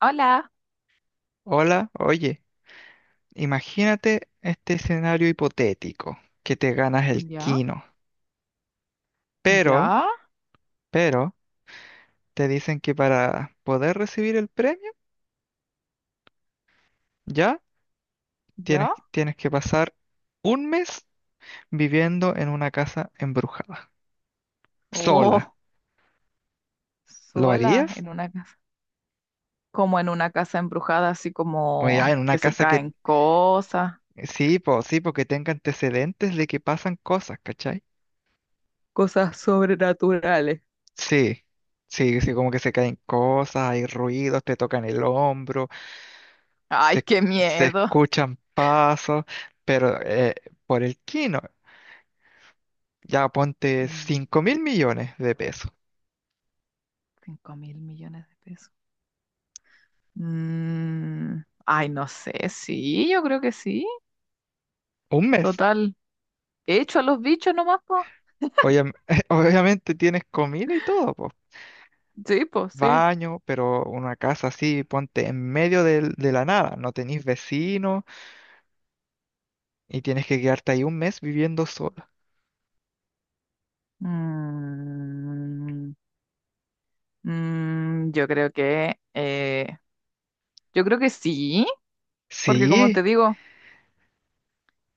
Hola, Hola, oye, imagínate este escenario hipotético, que te ganas el ya, quino, pero, ya, pero, te dicen que para poder recibir el premio, ya tienes, ya. tienes que pasar un mes viviendo en una casa embrujada, sola. Oh, ¿Lo sola harías? en una casa, como en una casa embrujada, así O ya como en una que se casa que, caen cosas, sí, po, sí, porque tenga antecedentes de que pasan cosas, ¿cachai? cosas sobrenaturales. Sí, sí, sí, como que se caen cosas, hay ruidos, te tocan el hombro. Ay, se, qué se miedo. escuchan pasos, pero por el quino, ya ponte Mm, 5.000 millones de pesos, Cinco mil millones de pesos. Mm, ay, no sé, sí, yo creo que sí. un mes. Total, hecho a los bichos nomás, po. Obvia- obviamente tienes comida y todo, pues, Sí, pues sí. baño, pero una casa así, ponte en medio de la nada, no tenés vecinos y tienes que quedarte ahí un mes viviendo sola. Mm, mm, yo creo que, eh, yo creo que sí. Porque como Sí,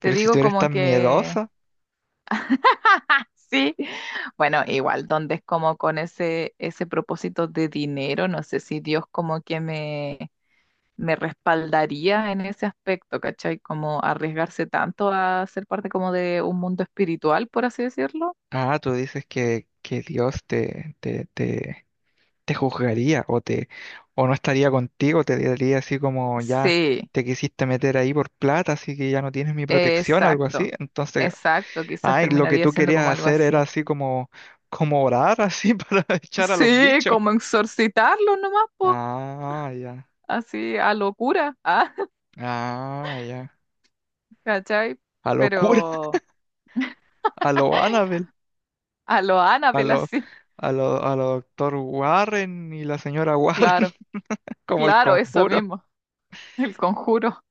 te si tú digo eres como tan que miedosa, sí. Bueno, igual, donde es como con ese propósito de dinero, no sé si Dios como que me respaldaría en ese aspecto, ¿cachai? Como arriesgarse tanto a ser parte como de un mundo espiritual, por así decirlo. ah, tú dices que Dios te juzgaría o te o no estaría contigo, te diría así como ya Sí, te quisiste meter ahí por plata, así que ya no tienes mi protección, algo así. exacto, Entonces, exacto, quizás ay, lo que terminaría tú siendo querías como algo hacer era así. así como orar así para echar a los Sí, bichos. como exorcitarlo nomás, po, Ah, ya. así a locura, ah, Ah, ya. ¿cachai? A lo cura, Pero. a lo Annabelle, A lo Annabelle así, a lo doctor Warren y la señora Warren, claro, como el claro, eso conjuro. mismo, el conjuro,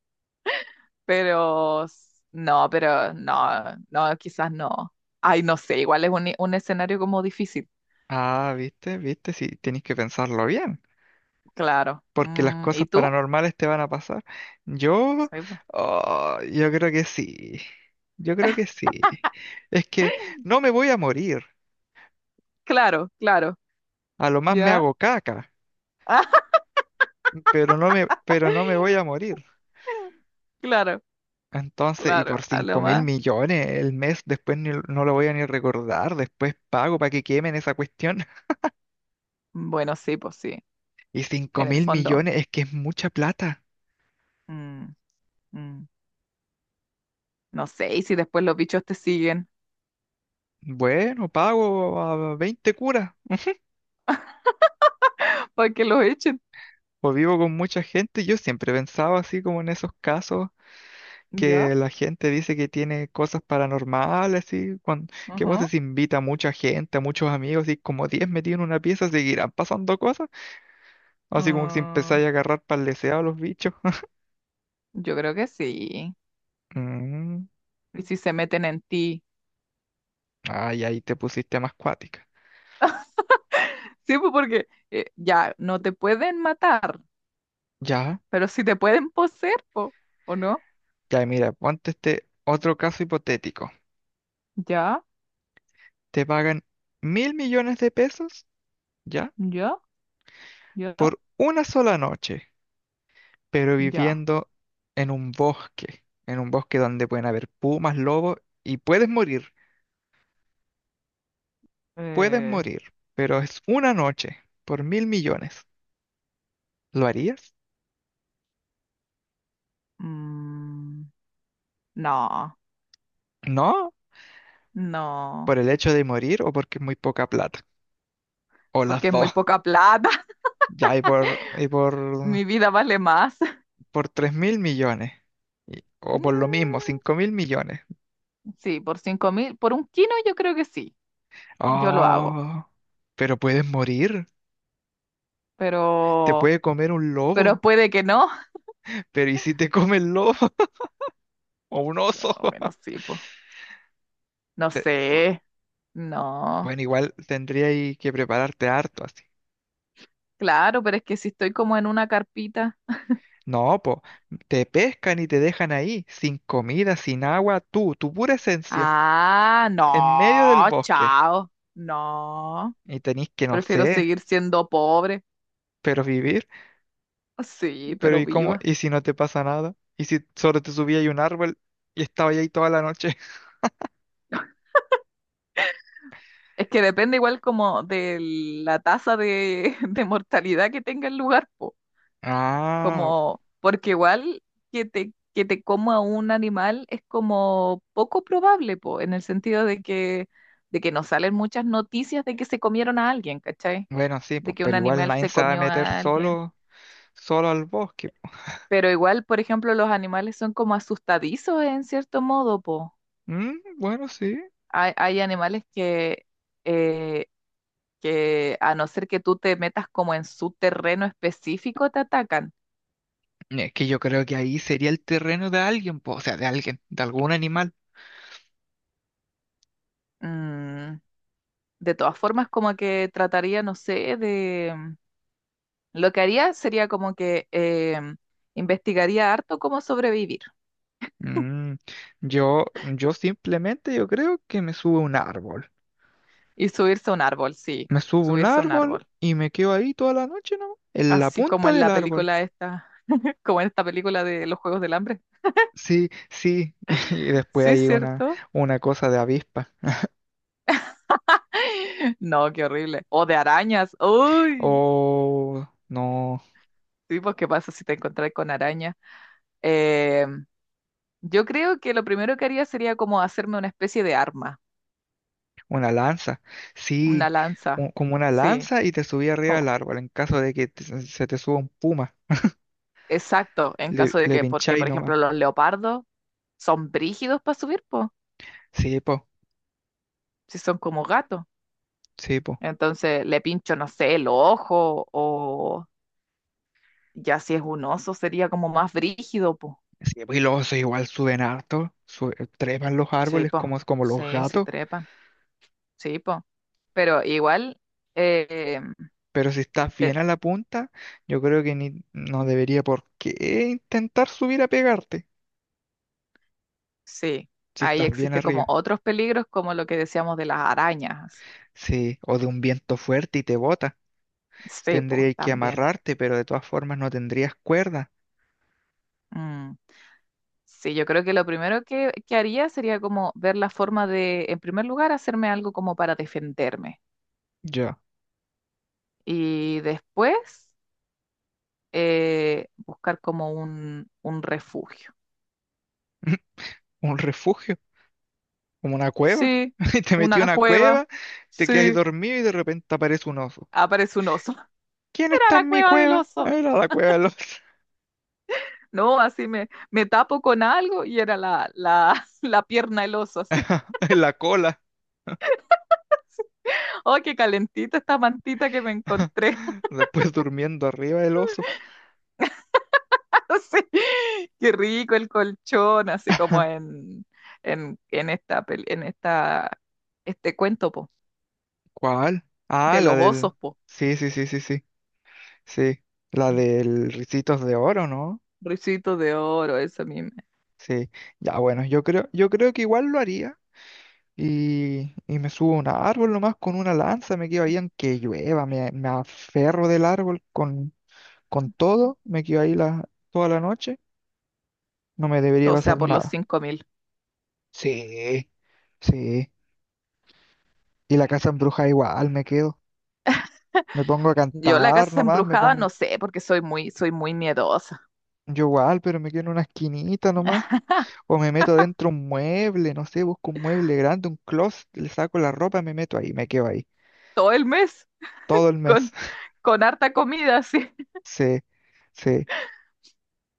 no, pero no, no, quizás no. Ay, no sé, igual es un escenario como difícil, Ah, viste, viste, si tenéis que pensarlo bien. claro. Porque las ¿Y cosas tú? paranormales te van a pasar. Yo, Sí, po. oh, yo creo que sí. Yo creo que sí. Es que no me voy a morir. Claro, claro, A lo más me ¿ya? hago caca, pero no me voy a morir. Claro, Entonces, y claro, por a cinco lo mil más. millones el mes, después no lo voy a ni recordar, después pago para que quemen esa cuestión. Bueno, sí, pues sí, Y cinco en el mil fondo, millones es que es mucha plata. mm, mm, no sé, y si después los bichos te siguen, Bueno, pago a 20 curas, para que los echen, o vivo con mucha gente. Yo siempre pensaba así como en esos casos ¿Ya? que la gente dice que tiene cosas paranormales, y que vos Ajá. decís, invita a mucha gente, a muchos amigos, y como 10 metidos en una pieza, seguirán pasando cosas, así como que si Ah. empezáis a agarrar leseado a los bichos. Yo creo que sí. Mm, Y si se meten en ti. ay, ahí te pusiste más cuática. Sí, pues porque ya no te pueden matar, Ya, pero si te pueden poseer, po, ¿o no? ya, mira, ponte este otro caso hipotético. Ya, Te pagan 1.000 millones de pesos, ¿ya? ya, ya, Por una sola noche, pero ya. viviendo en un bosque donde pueden haber pumas, lobos, y puedes morir. Puedes Eh, morir, pero es una noche por 1.000 millones. ¿Lo harías? mm, no, No, no, por el hecho de morir o porque es muy poca plata. O las porque es muy dos. poca plata. Ya, y por, y por, Mi vida vale más. por 3.000 millones. O por lo mismo, Mm, 5.000 millones. sí, por cinco mil, por un kilo yo creo que sí. Yo lo hago, Oh, pero puedes morir. Te pero, puede comer un pero lobo. puede que no. Pero ¿y si te come el lobo? O un oso. No, bueno, sí, pues. No Te- por- sé. No. Bueno, igual tendría ahí que prepararte harto así. Claro, pero es que si estoy como en una carpita. No, po, te pescan y te dejan ahí, sin comida, sin agua, tú, tu pura esencia, Ah, en medio del no, bosque. chao. No, Y tenés que, no prefiero sé, seguir siendo pobre. pero vivir. Sí, Pero pero ¿y cómo? viva. ¿Y si no te pasa nada? ¿Y si solo te subías a un árbol y estabas ahí toda la noche? Es que depende igual como de la tasa de, de mortalidad que tenga el lugar, po. Ah, Como, porque igual que te coma un animal es como poco probable, po, en el sentido de que, no salen muchas noticias de que se comieron a alguien, ¿cachai? bueno, sí, De pues, que un pero igual animal nadie se se va a comió meter a alguien. solo, solo al bosque, po. Pero igual, por ejemplo, los animales son como asustadizos en cierto modo, po. Mm, bueno, sí. Hay animales eh, que a no ser que tú te metas como en su terreno específico, te atacan. Es que yo creo que ahí sería el terreno de alguien, po, o sea, de alguien, de algún animal. Mm, de todas formas, como que trataría, no sé, Lo que haría sería como que investigaría harto cómo sobrevivir Mm, yo simplemente yo creo que me subo a un árbol. y subirse a un árbol, sí, Me subo a un subirse a un árbol árbol. y me quedo ahí toda la noche, ¿no? En la Así como punta en del la árbol. película esta, como en esta película de los Juegos del Hambre. Sí, sí. Y después Sí, hay una, ¿cierto? una cosa de avispa. No, qué horrible. O de arañas. Uy, O no, sí, pues qué pasa si te encontrás con arañas. Eh, yo creo que lo primero que haría sería como hacerme una especie de arma, una lanza. una Sí, lanza. Como una Sí, lanza y te subí arriba como, del árbol en caso de que se te suba un puma. exacto, en Le, caso de le que, porque pincháis por nomás. ejemplo los leopardos son brígidos para subir, pues, Sí, po, si son como gatos. sí, po. Entonces le pincho, no sé, el ojo o ya si es un oso sería como más brígido, pues. Sí, pues, y los osos igual suben harto, trepan los Sí, árboles pues, como los sí, sí gatos, trepan. Sí, po. Pero igual, eh, pero si estás bien te- a la punta, yo creo que ni, no debería por qué intentar subir a pegarte, sí, si ahí estás bien existe arriba. como otros peligros, como lo que decíamos de las arañas. Sí, o de un viento fuerte y te bota, Sí, po, tendrías que también. amarrarte, pero de todas formas no tendrías cuerda. Mm. Sí, yo creo que lo primero que haría sería como ver la forma de, en primer lugar, hacerme algo como para defenderme. Ya. Y después, buscar como un refugio. Un refugio, como una cueva. Sí, Y te metí a una una cueva. cueva, te quedas ahí Sí, dormido y de repente aparece un oso. aparece un oso. ¿Quién Era está la en mi cueva del cueva? oso. Era la cueva de los- No, así me tapo con algo y era la pierna del oso, así. en la cola. Oh, qué calentita esta mantita que me encontré. Después durmiendo arriba del oso. Así. Qué rico el colchón, así como en esta, pel- en esta, este cuento, po, ¿Cuál? Ah, de la los del... osos, po. Sí, sí, sí, sí, sí. Sí, la del Ricitos de Oro, ¿no? Ricitos de oro, eso mismo. Sí. Ya, bueno, yo creo que igual lo haría. Y me subo a un árbol nomás con una lanza, me quedo ahí aunque llueva, me aferro del árbol con todo, me quedo ahí toda la noche, no me debería O sea, pasar por los nada. cinco mil. Sí, sí. Y la casa embrujada igual, me quedo. Me pongo a Yo la cantar casa nomás, me embrujada pongo no sé, porque soy muy miedosa. Yo igual, pero me quedo en una esquinita nomás. O me meto dentro un mueble, no sé, busco un mueble grande, un closet, le saco la ropa, me meto ahí, me quedo ahí. Todo el mes Todo el mes. con, con harta comida, así. Sí, sí.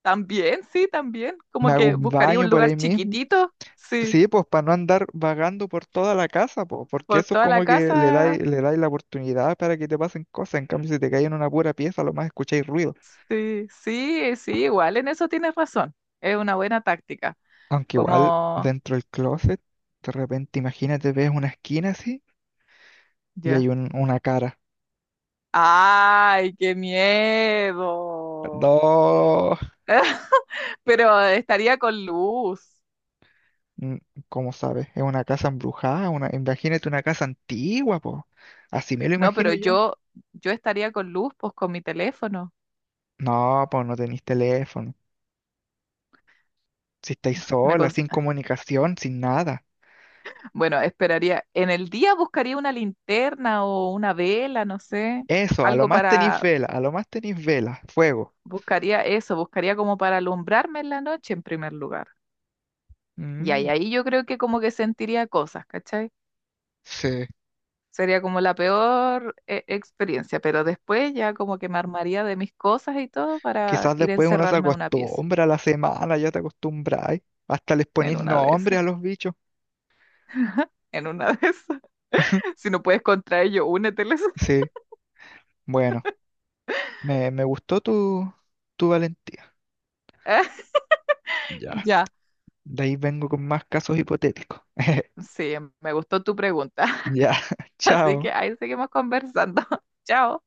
También, sí, también. Me Como hago que un buscaría baño un por lugar ahí mismo. chiquitito, sí, Sí, pues para no andar vagando por toda la casa, pues, porque por eso es toda la como que le dais, casa. le dais la oportunidad para que te pasen cosas. En cambio, si te caes en una pura pieza, lo más escucháis ruido. Sí, sí, sí, igual en eso tienes razón. Es una buena táctica. Aunque igual, Como, dentro del closet, de repente, imagínate, ves una esquina así y hay ya. Una cara. ¡Ay, qué miedo! No. Pero estaría con luz. Mm, ¿Cómo sabes? Es una casa embrujada, una... imagínate una casa antigua, po. Así me lo No, imagino pero yo. yo estaría con luz, pues con mi teléfono. No, pues no tenéis teléfono. Si estáis Me sola, cons- sin comunicación, sin nada. bueno, esperaría. En el día buscaría una linterna o una vela, no sé, Eso, a lo algo más tenéis para vela, a lo más tenéis vela, fuego. Buscaría eso, buscaría como para alumbrarme en la noche en primer lugar. Y ahí, Mm, ahí yo creo que como que sentiría cosas, ¿cachai? sí. Sería como la peor experiencia, pero después ya como que me armaría de mis cosas y todo para Quizás ir a después uno se encerrarme a una pieza, acostumbra a la semana, ya te acostumbráis. Hasta les en ponéis una de nombre esas, a los bichos. en una de esas. Si no puedes contra ello, úneteles. Sí, bueno, me gustó tu valentía. Ya. Ya, De ahí vengo con más casos hipotéticos. sí, me gustó tu pregunta. Ya, Así chao. que ahí seguimos conversando. Chao.